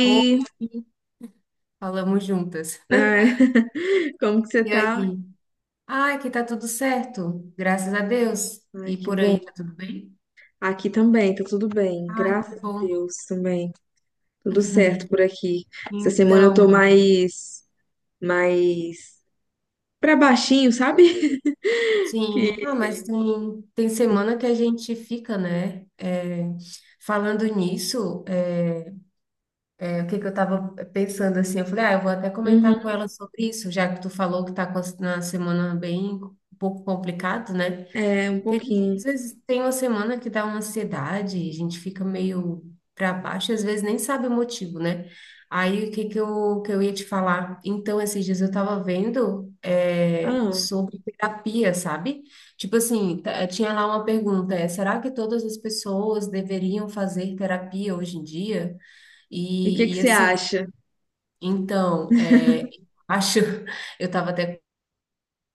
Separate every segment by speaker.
Speaker 1: Oi, falamos juntas.
Speaker 2: ai, como que você
Speaker 1: E
Speaker 2: tá?
Speaker 1: aí? Ah, aqui tá tudo certo, graças a Deus. E
Speaker 2: Ai, que
Speaker 1: por
Speaker 2: bom.
Speaker 1: aí, tá tudo bem?
Speaker 2: Aqui também, tá tudo bem,
Speaker 1: Ah, que
Speaker 2: graças a
Speaker 1: bom.
Speaker 2: Deus também, tudo certo por aqui. Essa semana eu tô
Speaker 1: Então,
Speaker 2: mais pra baixinho, sabe? Que,
Speaker 1: sim, ah, mas tem semana que a gente fica, né? É, falando nisso, é, o que que eu tava pensando assim, eu falei, ah, eu vou até comentar com
Speaker 2: uhum,
Speaker 1: ela sobre isso, já que tu falou que tá com na semana bem um pouco complicado, né?
Speaker 2: é, um
Speaker 1: Porque a gente,
Speaker 2: pouquinho.
Speaker 1: às vezes tem uma semana que dá uma ansiedade, a gente fica meio para baixo, e às vezes nem sabe o motivo, né? Aí o que que que eu ia te falar? Então, esses dias eu estava vendo
Speaker 2: Ah,
Speaker 1: sobre terapia, sabe? Tipo assim, tinha lá uma pergunta, será que todas as pessoas deveriam fazer terapia hoje em dia?
Speaker 2: e o que que
Speaker 1: E
Speaker 2: você
Speaker 1: assim,
Speaker 2: acha?
Speaker 1: então, acho, eu estava até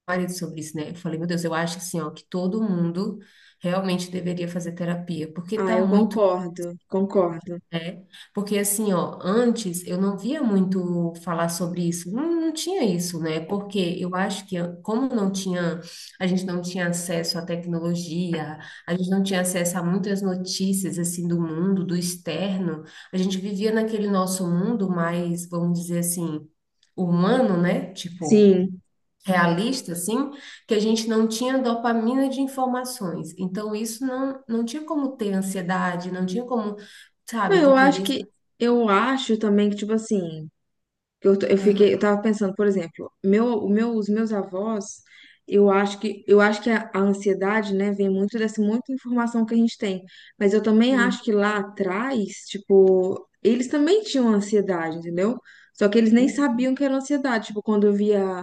Speaker 1: marido sobre isso, né? Eu falei, meu Deus, eu acho assim, ó, que todo mundo realmente deveria fazer terapia, porque
Speaker 2: Ah,
Speaker 1: tá
Speaker 2: eu
Speaker 1: muito,
Speaker 2: concordo, concordo.
Speaker 1: né? Porque assim, ó, antes eu não via muito falar sobre isso, não, não tinha isso, né? Porque eu acho que como não tinha, a gente não tinha acesso à tecnologia, a gente não tinha acesso a muitas notícias assim do mundo, do externo, a gente vivia naquele nosso mundo mais, vamos dizer assim, humano, né? Tipo,
Speaker 2: Sim.
Speaker 1: realista, assim, que a gente não tinha dopamina de informações. Então, isso não, não tinha como ter ansiedade, não tinha como,
Speaker 2: Não,
Speaker 1: sabe, tu
Speaker 2: eu acho
Speaker 1: querer.
Speaker 2: que, eu acho também que, tipo assim, que Eu, t- eu fiquei, eu
Speaker 1: Aham,
Speaker 2: tava pensando, por exemplo, os meus avós, eu acho que a ansiedade, né, vem muito dessa muita informação que a gente tem. Mas eu também
Speaker 1: sim,
Speaker 2: acho que lá atrás, tipo, eles também tinham ansiedade, entendeu? Só que eles nem
Speaker 1: né?
Speaker 2: sabiam que era ansiedade. Tipo, quando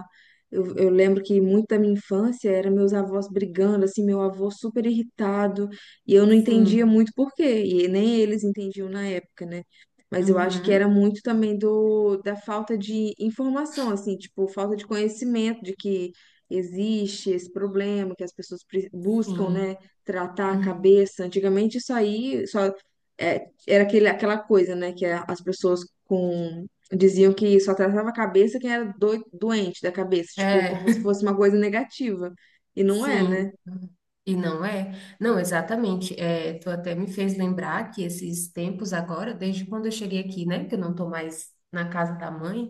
Speaker 2: eu lembro que muito da minha infância era meus avós brigando, assim, meu avô super irritado, e eu não entendia
Speaker 1: Sim,
Speaker 2: muito por quê, e nem eles entendiam na época, né? Mas eu acho que
Speaker 1: uhum,
Speaker 2: era muito também da falta de informação, assim, tipo, falta de conhecimento de que existe esse problema, que as pessoas buscam, né,
Speaker 1: sim,
Speaker 2: tratar a
Speaker 1: uhum.
Speaker 2: cabeça. Antigamente isso aí só era aquela coisa, né, que as pessoas com diziam que só tratava a cabeça quem era doente da cabeça, tipo,
Speaker 1: É,
Speaker 2: como se fosse uma coisa negativa. E não é,
Speaker 1: sim.
Speaker 2: né?
Speaker 1: E não é? Não, exatamente. É, tu até me fez lembrar que esses tempos agora, desde quando eu cheguei aqui, né, que eu não tô mais na casa da mãe.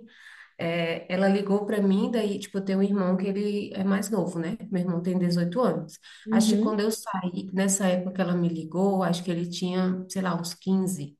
Speaker 1: É, ela ligou para mim, daí, tipo, eu tenho um irmão que ele é mais novo, né? Meu irmão tem 18 anos. Acho que quando
Speaker 2: Uhum.
Speaker 1: eu saí, nessa época que ela me ligou, acho que ele tinha, sei lá, uns 15,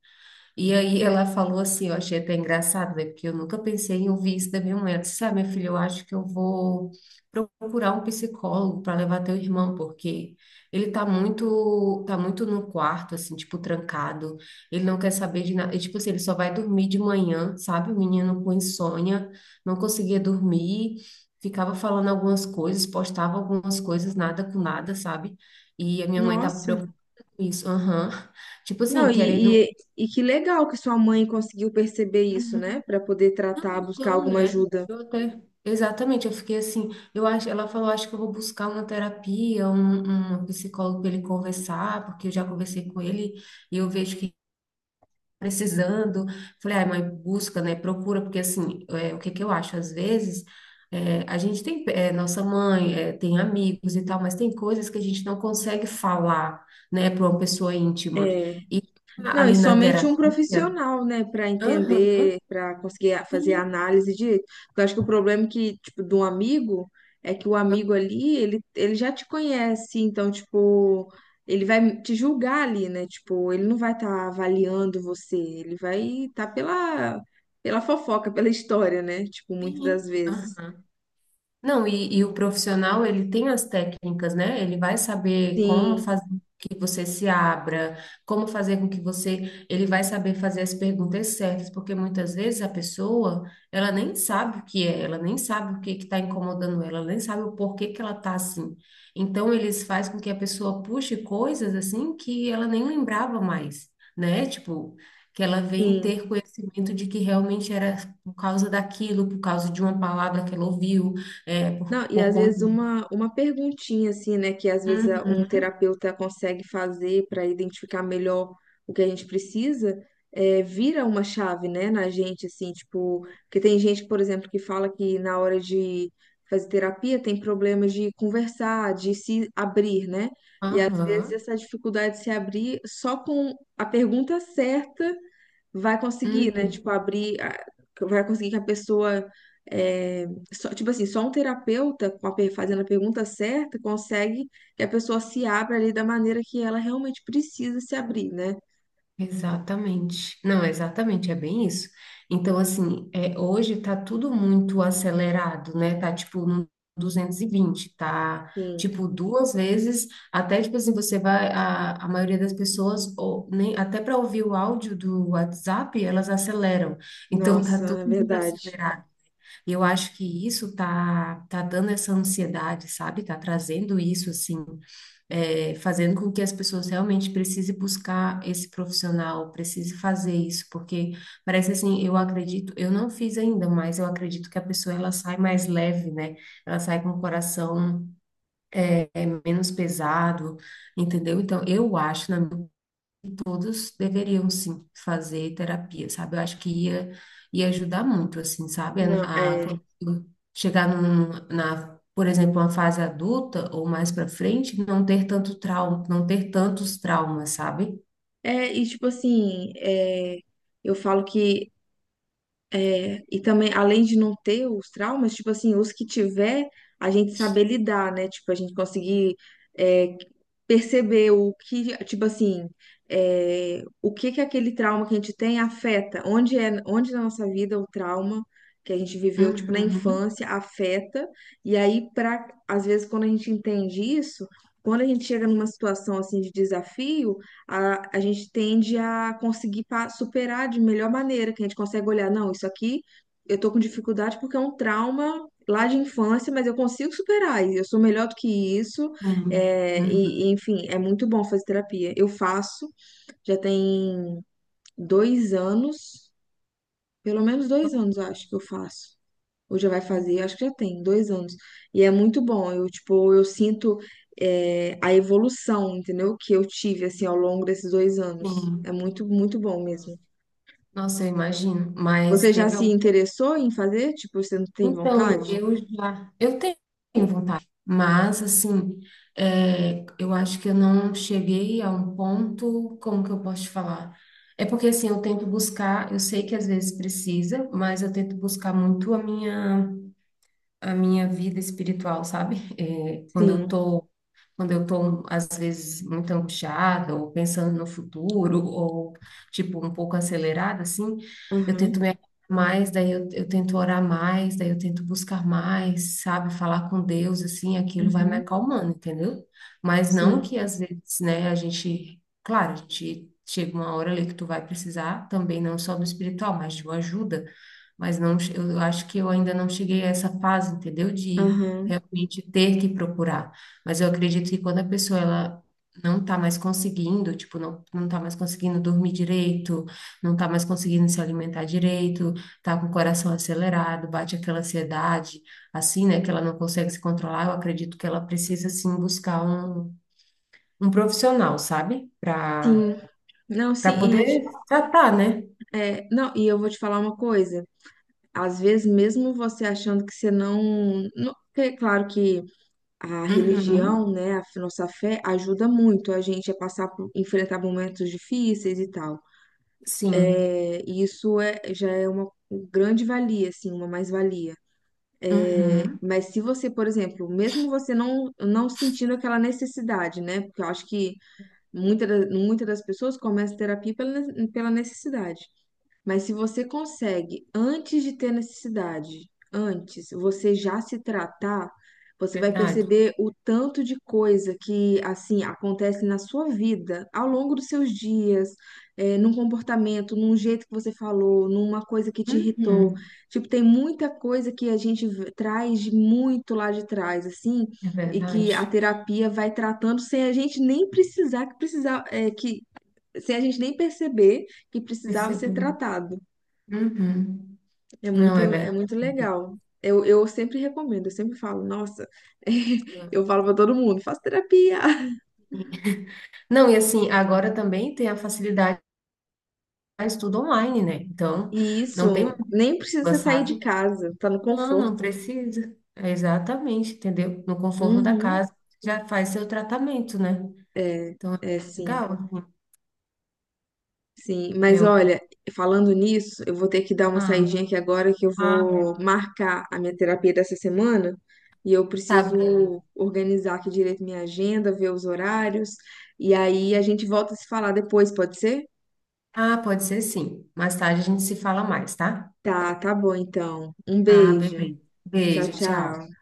Speaker 1: e aí ela falou assim, eu achei até engraçado, né? Porque eu nunca pensei em ouvir isso da minha mãe. Ela disse, ah, minha filha, eu acho que eu vou procurar um psicólogo para levar teu irmão, porque ele tá muito, tá muito no quarto, assim, tipo, trancado. Ele não quer saber de nada. E, tipo assim, ele só vai dormir de manhã, sabe? O menino com insônia, não conseguia dormir, ficava falando algumas coisas, postava algumas coisas, nada com nada, sabe? E a minha mãe tava
Speaker 2: Nossa.
Speaker 1: preocupada com isso, aham. Tipo assim,
Speaker 2: Não,
Speaker 1: querendo.
Speaker 2: e que legal que sua mãe conseguiu perceber isso, né? Pra poder
Speaker 1: Não,
Speaker 2: tratar, buscar
Speaker 1: então,
Speaker 2: alguma
Speaker 1: né?
Speaker 2: ajuda.
Speaker 1: Eu até. Exatamente, eu fiquei assim. Eu acho, ela falou, acho que eu vou buscar uma terapia, um psicólogo para ele conversar, porque eu já conversei com ele e eu vejo que tá precisando. Falei, ai, mãe, busca, né? Procura, porque assim, é, o que que eu acho? Às vezes, é, a gente tem, é, nossa mãe, é, tem amigos e tal, mas tem coisas que a gente não consegue falar, né, para uma pessoa íntima.
Speaker 2: É.
Speaker 1: E
Speaker 2: Não, e
Speaker 1: ali na
Speaker 2: somente um
Speaker 1: terapia,
Speaker 2: profissional, né, pra
Speaker 1: aham,
Speaker 2: entender, pra conseguir fazer a
Speaker 1: sim,
Speaker 2: análise direito. Porque eu acho que o problema é que, tipo, de um amigo é que o amigo ali, ele já te conhece, então, tipo, ele vai te julgar ali, né? Tipo, ele não vai estar avaliando você, ele vai estar pela, fofoca, pela história, né? Tipo, muitas das
Speaker 1: sim,
Speaker 2: vezes.
Speaker 1: aham. Não, e o profissional, ele tem as técnicas, né? Ele vai saber como
Speaker 2: Sim,
Speaker 1: fazer com que você se abra, como fazer com que você. Ele vai saber fazer as perguntas certas, porque muitas vezes a pessoa, ela nem sabe o que é, ela nem sabe o que que está incomodando ela, ela nem sabe o porquê que ela tá assim. Então, eles fazem com que a pessoa puxe coisas assim que ela nem lembrava mais, né? Tipo. Que ela vem
Speaker 2: sim.
Speaker 1: ter conhecimento de que realmente era por causa daquilo, por causa de uma palavra que ela ouviu, é, por,
Speaker 2: Não, e
Speaker 1: por
Speaker 2: às vezes
Speaker 1: conta.
Speaker 2: uma perguntinha assim, né, que às vezes um
Speaker 1: Uhum,
Speaker 2: terapeuta consegue fazer para identificar melhor o que a gente precisa, vira uma chave, né, na gente, assim, tipo, porque tem gente, por exemplo, que fala que na hora de fazer terapia tem problemas de conversar, de se abrir, né? E às vezes
Speaker 1: aham,
Speaker 2: essa dificuldade de se abrir só com a pergunta certa vai conseguir, né?
Speaker 1: uhum,
Speaker 2: Tipo, abrir, vai conseguir que a pessoa, é, tipo assim, só um terapeuta com a fazendo a pergunta certa consegue que a pessoa se abra ali da maneira que ela realmente precisa se abrir, né?
Speaker 1: exatamente. Não, exatamente, é bem isso. Então, assim, é, hoje tá tudo muito acelerado, né? Tá tipo no 220, tá
Speaker 2: Sim,
Speaker 1: tipo duas vezes. Até tipo assim, você vai. A maioria das pessoas, ou nem, até para ouvir o áudio do WhatsApp, elas aceleram. Então, tá
Speaker 2: nossa,
Speaker 1: tudo
Speaker 2: é
Speaker 1: muito
Speaker 2: verdade.
Speaker 1: acelerado. E eu acho que isso tá dando essa ansiedade, sabe? Tá trazendo isso, assim, é, fazendo com que as pessoas realmente precisem buscar esse profissional, precise fazer isso, porque parece assim, eu acredito, eu não fiz ainda, mas eu acredito que a pessoa, ela sai mais leve, né? Ela sai com o coração menos pesado, entendeu? Então, eu acho, na minha todos deveriam sim fazer terapia, sabe? Eu acho que ia ajudar muito, assim, sabe?
Speaker 2: Não,
Speaker 1: Quando chegar num, na, por exemplo, uma fase adulta ou mais para frente, não ter tanto trauma, não ter tantos traumas, sabe?
Speaker 2: e tipo assim, é, eu falo que É, e também, além de não ter os traumas, tipo assim, os que tiver, a gente saber lidar, né? Tipo, a gente conseguir é, perceber o que, tipo assim, o que que aquele trauma que a gente tem afeta, onde na nossa vida o trauma que a gente viveu, tipo, na
Speaker 1: Uhum, sim,
Speaker 2: infância afeta, e aí, às vezes, quando a gente entende isso, quando a gente chega numa situação, assim, de desafio, a gente tende a conseguir superar de melhor maneira, que a gente consegue olhar, não, isso aqui eu tô com dificuldade porque é um trauma lá de infância, mas eu consigo superar, e eu sou melhor do que isso,
Speaker 1: uhum. Uhum.
Speaker 2: enfim, é muito bom fazer terapia. Eu faço, já tem 2 anos, pelo menos 2 anos, eu acho que eu faço. Ou já vai fazer, acho que já tem 2 anos. E é muito bom. Eu, tipo, eu sinto a evolução, entendeu? Que eu tive, assim, ao longo desses 2 anos.
Speaker 1: Sim.
Speaker 2: É muito, muito bom mesmo.
Speaker 1: Nossa, eu imagino. Mas
Speaker 2: Você já
Speaker 1: teve
Speaker 2: se
Speaker 1: algum.
Speaker 2: interessou em fazer? Tipo, você não tem vontade?
Speaker 1: Então, eu tenho vontade, mas assim, é, eu acho que eu não cheguei a um ponto, como que eu posso te falar? É porque assim, eu tento buscar, eu sei que às vezes precisa, mas eu tento buscar muito a minha vida espiritual, sabe? É,
Speaker 2: Sim.
Speaker 1: quando eu estou, às vezes, muito angustiada, ou pensando no futuro, ou, tipo, um pouco acelerada, assim, eu
Speaker 2: Aham.
Speaker 1: tento me acalmar mais, daí eu tento orar mais, daí eu tento buscar mais, sabe? Falar com Deus, assim, aquilo vai me
Speaker 2: Uhum.
Speaker 1: acalmando, entendeu? Mas não
Speaker 2: Sim.
Speaker 1: que, às vezes, né, a gente, claro, a gente chega uma hora ali que tu vai precisar, também não só do espiritual, mas de uma ajuda, mas não, eu acho que eu ainda não cheguei a essa fase, entendeu? De
Speaker 2: Aham.
Speaker 1: realmente ter que procurar. Mas eu acredito que quando a pessoa ela não tá mais conseguindo, tipo, não, não tá mais conseguindo dormir direito, não tá mais conseguindo se alimentar direito, tá com o coração acelerado, bate aquela ansiedade, assim, né, que ela não consegue se controlar, eu acredito que ela precisa, assim, buscar um profissional, sabe? Pra,
Speaker 2: Sim. Não,
Speaker 1: pra
Speaker 2: sim. E,
Speaker 1: poder tratar, né?
Speaker 2: não, e eu vou te falar uma coisa. Às vezes, mesmo você achando que você é claro que a
Speaker 1: Uhum,
Speaker 2: religião, né, a nossa fé ajuda muito a gente a passar por enfrentar momentos difíceis e tal.
Speaker 1: sim.
Speaker 2: É, e isso já é uma grande valia, assim, uma mais-valia. É,
Speaker 1: Uhum,
Speaker 2: mas se você, por exemplo, mesmo você não sentindo aquela necessidade, né? Porque eu acho que muitas das pessoas começam terapia pela necessidade. Mas se você consegue, antes de ter necessidade, antes, você já se tratar, você vai
Speaker 1: verdade.
Speaker 2: perceber o tanto de coisa que, assim, acontece na sua vida, ao longo dos seus dias, num comportamento, num jeito que você falou, numa coisa que te irritou.
Speaker 1: Uhum,
Speaker 2: Tipo, tem muita coisa que a gente traz de muito lá de trás, assim,
Speaker 1: é
Speaker 2: e que a
Speaker 1: verdade.
Speaker 2: terapia vai tratando sem a gente nem precisar, que precisar, eh, que, sem a gente nem perceber que precisava ser
Speaker 1: Percebi.
Speaker 2: tratado.
Speaker 1: Uhum, não é
Speaker 2: É
Speaker 1: verdade.
Speaker 2: muito legal. Eu sempre recomendo, eu sempre falo, nossa, eu falo pra todo mundo, faça terapia.
Speaker 1: Não, e assim, agora também tem a facilidade de estudo online, né? Então,
Speaker 2: E
Speaker 1: não tem
Speaker 2: isso, nem precisa você
Speaker 1: mais,
Speaker 2: sair de
Speaker 1: sabe?
Speaker 2: casa, tá no
Speaker 1: Não, não
Speaker 2: conforto.
Speaker 1: precisa. É exatamente, entendeu? No conforto da
Speaker 2: Uhum.
Speaker 1: casa, já faz seu tratamento, né?
Speaker 2: É,
Speaker 1: Então, é
Speaker 2: é sim,
Speaker 1: legal, assim.
Speaker 2: sim. Mas
Speaker 1: É um...
Speaker 2: olha, falando nisso, eu vou ter que dar uma
Speaker 1: Ah,
Speaker 2: saidinha aqui agora que eu
Speaker 1: ah, beleza.
Speaker 2: vou marcar a minha terapia dessa semana e eu
Speaker 1: Tá
Speaker 2: preciso
Speaker 1: bem.
Speaker 2: organizar aqui direito minha agenda, ver os horários e aí a gente volta a se falar depois, pode ser?
Speaker 1: Ah, pode ser sim. Mais tarde a gente se fala mais, tá?
Speaker 2: Tá, tá bom então. Um
Speaker 1: Ah,
Speaker 2: beijo.
Speaker 1: beleza.
Speaker 2: Tchau,
Speaker 1: Beijo, tchau.
Speaker 2: tchau.